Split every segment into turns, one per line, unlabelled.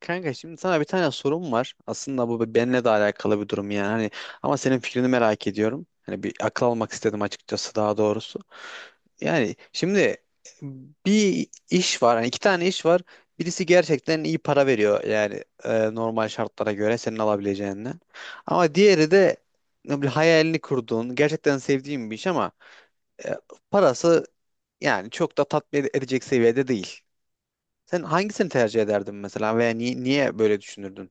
Kanka şimdi sana bir tane sorum var. Aslında bu benimle de alakalı bir durum yani. Hani ama senin fikrini merak ediyorum. Hani bir akıl almak istedim açıkçası daha doğrusu. Yani şimdi bir iş var. Hani iki tane iş var. Birisi gerçekten iyi para veriyor yani normal şartlara göre senin alabileceğinden. Ama diğeri de ne bileyim, hayalini kurduğun, gerçekten sevdiğin bir iş ama e, parası yani çok da tatmin edecek seviyede değil. Sen hangisini tercih ederdin mesela veya niye böyle düşünürdün?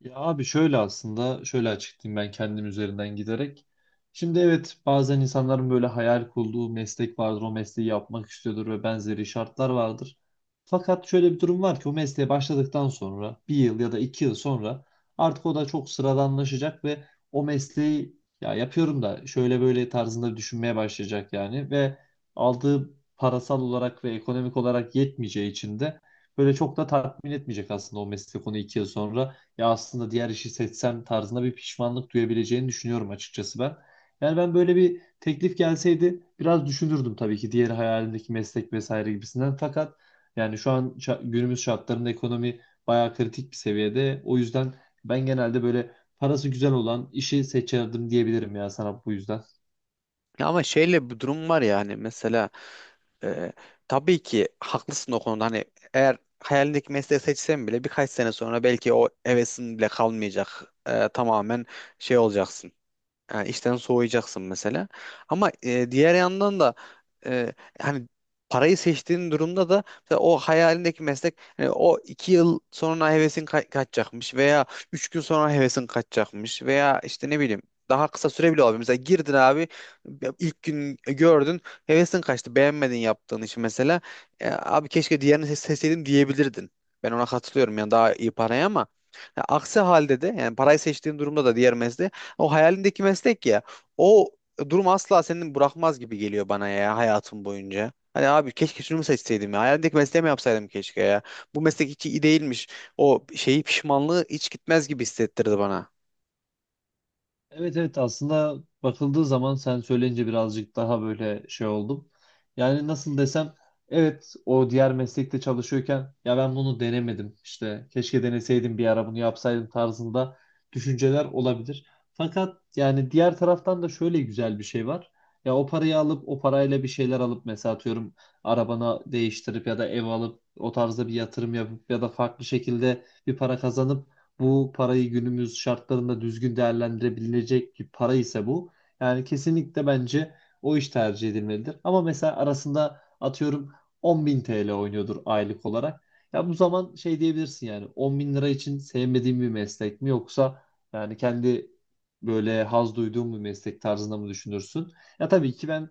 Ya abi, şöyle aslında şöyle açıklayayım ben kendim üzerinden giderek. Şimdi evet, bazen insanların böyle hayal kurduğu meslek vardır. O mesleği yapmak istiyordur ve benzeri şartlar vardır. Fakat şöyle bir durum var ki o mesleğe başladıktan sonra bir yıl ya da 2 yıl sonra artık o da çok sıradanlaşacak ve o mesleği ya yapıyorum da şöyle böyle tarzında düşünmeye başlayacak yani, ve aldığı parasal olarak ve ekonomik olarak yetmeyeceği için de böyle çok da tatmin etmeyecek aslında o meslek onu 2 yıl sonra ya aslında diğer işi seçsem tarzında bir pişmanlık duyabileceğini düşünüyorum açıkçası ben. Yani ben böyle bir teklif gelseydi biraz düşünürdüm, tabii ki diğer hayalimdeki meslek vesaire gibisinden. Fakat yani şu an günümüz şartlarında ekonomi bayağı kritik bir seviyede. O yüzden ben genelde böyle parası güzel olan işi seçerdim diyebilirim ya sana, bu yüzden.
Ya ama şeyle bir durum var ya hani mesela e, tabii ki haklısın o konuda hani eğer hayalindeki mesleği seçsen bile birkaç sene sonra belki o hevesin bile kalmayacak. Tamamen şey olacaksın. Yani işten soğuyacaksın mesela. Ama diğer yandan da e, hani parayı seçtiğin durumda da mesela o hayalindeki meslek hani o 2 yıl sonra hevesin kaçacakmış veya 3 gün sonra hevesin kaçacakmış veya işte ne bileyim daha kısa süre bile olabilir. Mesela girdin abi ilk gün gördün hevesin kaçtı beğenmedin yaptığın işi mesela. Abi keşke diğerini seçseydim diyebilirdin. Ben ona katılıyorum yani daha iyi paraya ama ya aksi halde de yani parayı seçtiğin durumda da diğer mesleği o hayalindeki meslek ya. O durum asla seni bırakmaz gibi geliyor bana ya hayatım boyunca. Hani abi keşke şunu mu seçseydim ya. Hayalimdeki mesleği mi yapsaydım keşke ya. Bu meslek hiç iyi değilmiş. O şeyi pişmanlığı hiç gitmez gibi hissettirdi bana.
Evet evet, aslında bakıldığı zaman sen söyleyince birazcık daha böyle şey oldum. Yani nasıl desem, evet, o diğer meslekte çalışıyorken ya ben bunu denemedim işte, keşke deneseydim, bir ara bunu yapsaydım tarzında düşünceler olabilir. Fakat yani diğer taraftan da şöyle güzel bir şey var. Ya o parayı alıp o parayla bir şeyler alıp, mesela atıyorum arabana değiştirip ya da ev alıp o tarzda bir yatırım yapıp ya da farklı şekilde bir para kazanıp, bu parayı günümüz şartlarında düzgün değerlendirebilecek bir para ise bu. Yani kesinlikle bence o iş tercih edilmelidir. Ama mesela arasında atıyorum 10.000 TL oynuyordur aylık olarak. Ya bu zaman şey diyebilirsin, yani 10 bin lira için sevmediğim bir meslek mi, yoksa yani kendi böyle haz duyduğum bir meslek tarzında mı düşünürsün? Ya tabii ki ben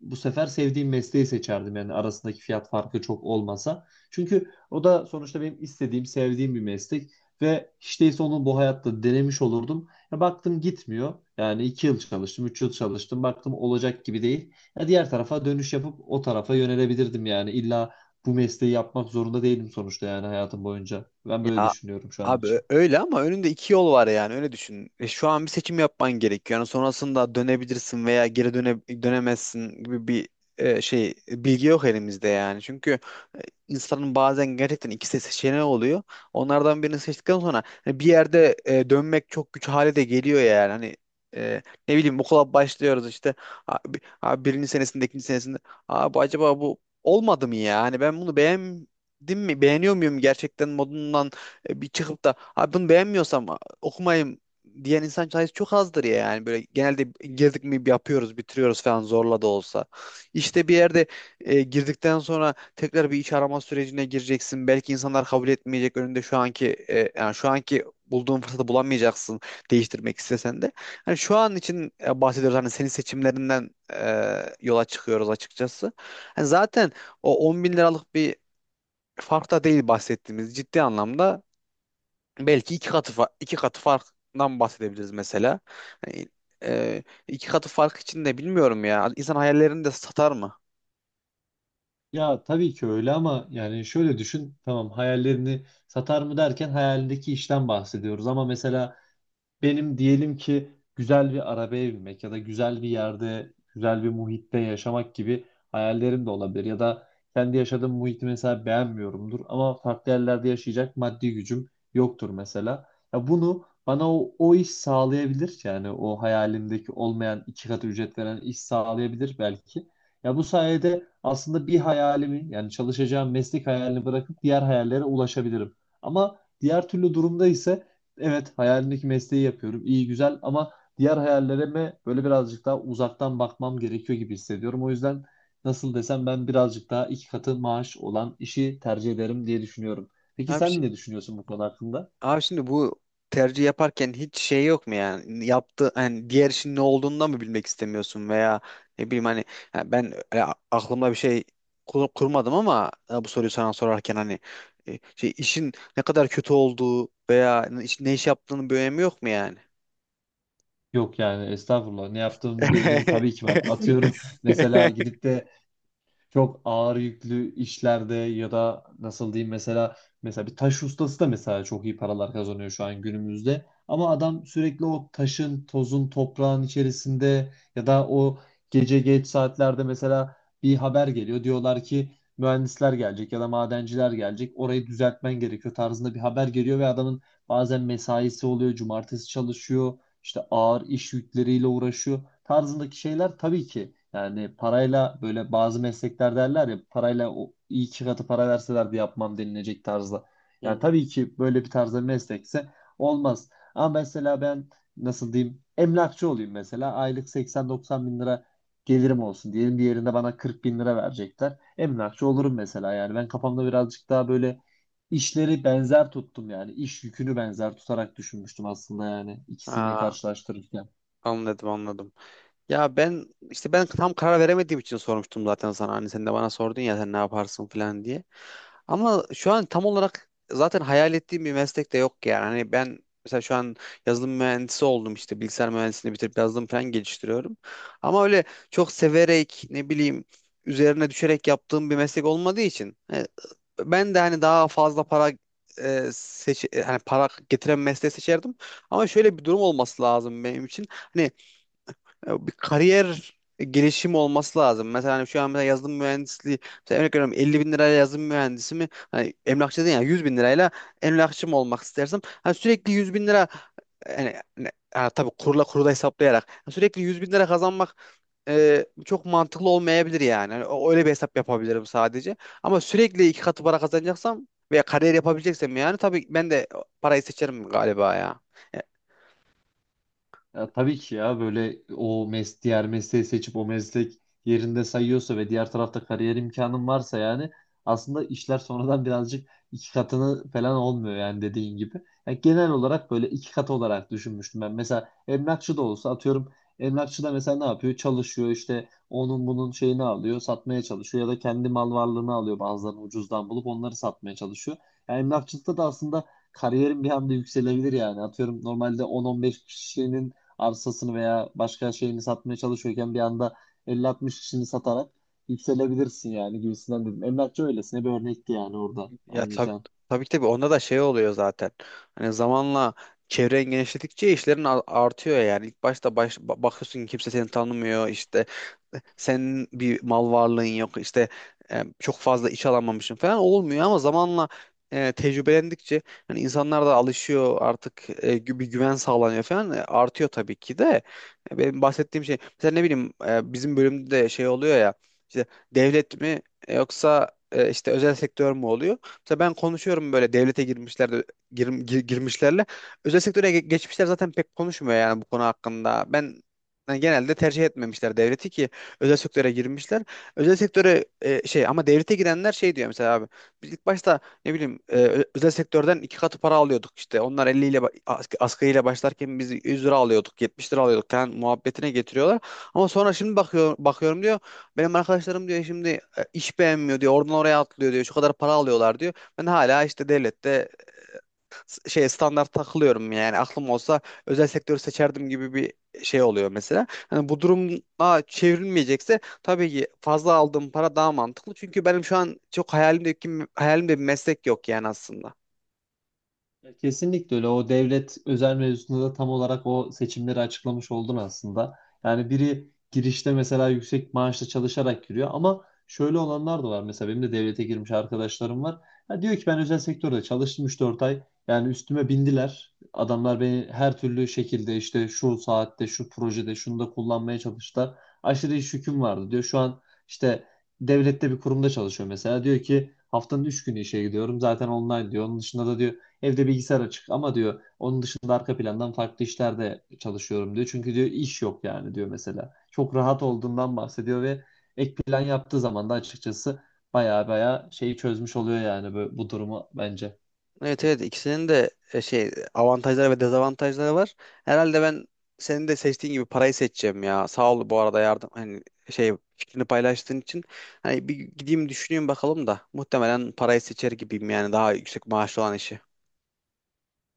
bu sefer sevdiğim mesleği seçerdim, yani arasındaki fiyat farkı çok olmasa. Çünkü o da sonuçta benim istediğim, sevdiğim bir meslek. Ve hiç değilse onu bu hayatta denemiş olurdum. Ya baktım gitmiyor. Yani iki yıl çalıştım, 3 yıl çalıştım. Baktım olacak gibi değil. Ya diğer tarafa dönüş yapıp o tarafa yönelebilirdim yani. İlla bu mesleği yapmak zorunda değilim sonuçta, yani hayatım boyunca. Ben böyle
Ya
düşünüyorum şu an
abi
için.
öyle ama önünde iki yol var yani öyle düşün. Şu an bir seçim yapman gerekiyor. Yani sonrasında dönebilirsin veya geri dönemezsin gibi bir şey bilgi yok elimizde yani. Çünkü insanın bazen gerçekten ikisi seçeneği oluyor. Onlardan birini seçtikten sonra hani bir yerde dönmek çok güç hale de geliyor yani. Hani e, ne bileyim okula başlıyoruz işte abi birinci senesinde ikinci senesinde abi acaba bu olmadı mı ya? Hani ben bunu beğendim mi? Beğeniyor muyum gerçekten modundan bir çıkıp da abi bunu beğenmiyorsam okumayayım diyen insan sayısı çok azdır ya yani böyle genelde girdik mi yapıyoruz bitiriyoruz falan zorla da olsa. İşte bir yerde girdikten sonra tekrar bir iş arama sürecine gireceksin. Belki insanlar kabul etmeyecek önünde şu anki yani şu anki bulduğun fırsatı bulamayacaksın değiştirmek istesen de. Hani şu an için bahsediyoruz hani senin seçimlerinden yola çıkıyoruz açıkçası. Hani zaten o 10 bin liralık bir fark da değil bahsettiğimiz ciddi anlamda belki iki katı farktan bahsedebiliriz mesela. Hani, e, iki katı fark için de bilmiyorum ya. İnsan hayallerini de satar mı?
Ya tabii ki öyle, ama yani şöyle düşün. Tamam, hayallerini satar mı derken hayalindeki işten bahsediyoruz. Ama mesela benim diyelim ki güzel bir arabaya binmek ya da güzel bir yerde, güzel bir muhitte yaşamak gibi hayallerim de olabilir. Ya da kendi yaşadığım muhiti mesela beğenmiyorumdur ama farklı yerlerde yaşayacak maddi gücüm yoktur mesela. Ya bunu bana o iş sağlayabilir. Yani o hayalimdeki olmayan iki katı ücret veren iş sağlayabilir belki. Ya bu sayede aslında bir hayalimi, yani çalışacağım meslek hayalini bırakıp diğer hayallere ulaşabilirim. Ama diğer türlü durumda ise evet, hayalindeki mesleği yapıyorum. İyi güzel, ama diğer hayallerime böyle birazcık daha uzaktan bakmam gerekiyor gibi hissediyorum. O yüzden nasıl desem, ben birazcık daha iki katı maaş olan işi tercih ederim diye düşünüyorum. Peki
Abi
sen ne düşünüyorsun bu konu hakkında?
Abi şimdi bu tercih yaparken hiç şey yok mu yani yaptı hani diğer işin ne olduğunu da mı bilmek istemiyorsun veya ne bileyim hani ya ben aklımda bir şey kurmadım ama bu soruyu sana sorarken hani şey işin ne kadar kötü olduğu veya ne iş yaptığının bir önemi yok mu yani?
Yok yani, estağfurullah, ne yaptığımın bir önemi tabii ki var. Atıyorum, mesela gidip de çok ağır yüklü işlerde ya da nasıl diyeyim, mesela bir taş ustası da mesela çok iyi paralar kazanıyor şu an günümüzde. Ama adam sürekli o taşın, tozun, toprağın içerisinde ya da o gece geç saatlerde mesela bir haber geliyor. Diyorlar ki mühendisler gelecek ya da madenciler gelecek. Orayı düzeltmen gerekiyor tarzında bir haber geliyor ve adamın bazen mesaisi oluyor, cumartesi çalışıyor, işte ağır iş yükleriyle uğraşıyor tarzındaki şeyler, tabii ki yani, parayla böyle bazı meslekler derler ya, parayla o iyi, iki katı para verselerdi yapmam denilecek tarzda.
Hı
Yani
hı.
tabii ki böyle bir tarzda meslekse olmaz. Ama mesela ben nasıl diyeyim, emlakçı olayım mesela, aylık 80-90 bin lira gelirim olsun diyelim, bir yerinde bana 40 bin lira verecekler. Emlakçı olurum mesela, yani ben kafamda birazcık daha böyle İşleri benzer tuttum yani. İş yükünü benzer tutarak düşünmüştüm aslında, yani ikisini
Aa,
karşılaştırırken.
anladım anladım. Ya ben işte ben tam karar veremediğim için sormuştum zaten sana. Hani sen de bana sordun ya sen ne yaparsın falan diye. Ama şu an tam olarak zaten hayal ettiğim bir meslek de yok yani. Hani ben mesela şu an yazılım mühendisi oldum işte bilgisayar mühendisliğini bitirip yazılım falan geliştiriyorum. Ama öyle çok severek ne bileyim üzerine düşerek yaptığım bir meslek olmadığı için ben de hani daha fazla para hani para getiren mesleği seçerdim. Ama şöyle bir durum olması lazım benim için. Hani ya bir kariyer gelişimi olması lazım. Mesela hani şu an mesela yazılım mühendisliği, mesela örnek veriyorum 50.000 lirayla yazılım mühendisi mi? Hani emlakçı değil yani 100.000 lirayla emlakçı mı olmak istersem? Hani sürekli 100.000 lira yani, ha, tabii kurla kurula hesaplayarak yani sürekli 100.000 lira kazanmak çok mantıklı olmayabilir yani. Hani öyle bir hesap yapabilirim sadece. Ama sürekli iki katı para kazanacaksam veya kariyer yapabileceksem yani tabii ben de parayı seçerim galiba ya. E,
Ya tabii ki ya, böyle o diğer mesleği seçip o meslek yerinde sayıyorsa ve diğer tarafta kariyer imkanın varsa, yani aslında işler sonradan birazcık iki katını falan olmuyor yani, dediğin gibi. Yani genel olarak böyle iki katı olarak düşünmüştüm ben. Mesela emlakçı da olsa, atıyorum emlakçı da mesela ne yapıyor? Çalışıyor işte, onun bunun şeyini alıyor, satmaya çalışıyor ya da kendi mal varlığını alıyor, bazılarını ucuzdan bulup onları satmaya çalışıyor. Yani emlakçılıkta da aslında kariyerin bir anda yükselebilir yani. Atıyorum normalde 10-15 kişinin arsasını veya başka şeyini satmaya çalışıyorken bir anda 50-60 kişini satarak yükselebilirsin yani, gibisinden dedim. Emlakçı öylesine bir örnekti yani, orada
Ya tabii
anlayacağın.
tabii ki tabii onda da şey oluyor zaten. Hani zamanla çevren genişledikçe işlerin artıyor yani. İlk başta bakıyorsun ki kimse seni tanımıyor işte senin bir mal varlığın yok işte çok fazla iş alamamışsın falan olmuyor ama zamanla tecrübelendikçe hani insanlar da alışıyor artık bir güven sağlanıyor falan artıyor tabii ki de. Benim bahsettiğim şey mesela ne bileyim bizim bölümde de şey oluyor ya işte devlet mi yoksa işte özel sektör mü oluyor? Mesela ben konuşuyorum böyle devlete girmişler girmişlerle. Özel sektöre geçmişler zaten pek konuşmuyor yani bu konu hakkında. Ben yani genelde tercih etmemişler devleti ki özel sektöre girmişler. Özel sektöre şey ama devlete girenler şey diyor mesela abi. Biz ilk başta ne bileyim özel sektörden iki katı para alıyorduk işte. Onlar 50 ile asgari ile başlarken biz 100 lira alıyorduk, 70 lira alıyorduk falan muhabbetine getiriyorlar. Ama sonra şimdi bakıyorum diyor. Benim arkadaşlarım diyor şimdi iş beğenmiyor diyor. Oradan oraya atlıyor diyor. Şu kadar para alıyorlar diyor. Ben hala işte devlette şey standart takılıyorum yani aklım olsa özel sektörü seçerdim gibi bir şey oluyor mesela. Hani bu duruma çevrilmeyecekse tabii ki fazla aldığım para daha mantıklı. Çünkü benim şu an çok hayalimde bir meslek yok yani aslında.
Ya kesinlikle öyle. O devlet özel mevzusunda da tam olarak o seçimleri açıklamış oldun aslında. Yani biri girişte mesela yüksek maaşla çalışarak giriyor, ama şöyle olanlar da var. Mesela benim de devlete girmiş arkadaşlarım var. Ha, diyor ki, ben özel sektörde çalıştım 3-4 ay. Yani üstüme bindiler. Adamlar beni her türlü şekilde, işte şu saatte, şu projede, şunda kullanmaya çalıştılar. Aşırı iş yüküm vardı diyor. Şu an işte devlette bir kurumda çalışıyor mesela. Diyor ki, haftanın 3 günü işe gidiyorum. Zaten online diyor. Onun dışında da diyor, evde bilgisayar açık ama diyor, onun dışında arka plandan farklı işlerde çalışıyorum diyor. Çünkü diyor iş yok yani, diyor mesela. Çok rahat olduğundan bahsediyor ve ek plan yaptığı zaman da açıkçası baya baya şeyi çözmüş oluyor yani bu durumu, bence.
Evet evet ikisinin de şey avantajları ve dezavantajları var. Herhalde ben senin de seçtiğin gibi parayı seçeceğim ya. Sağ ol bu arada yardım hani şey fikrini paylaştığın için. Hani bir gideyim düşüneyim bakalım da muhtemelen parayı seçer gibiyim yani daha yüksek maaşlı olan işi.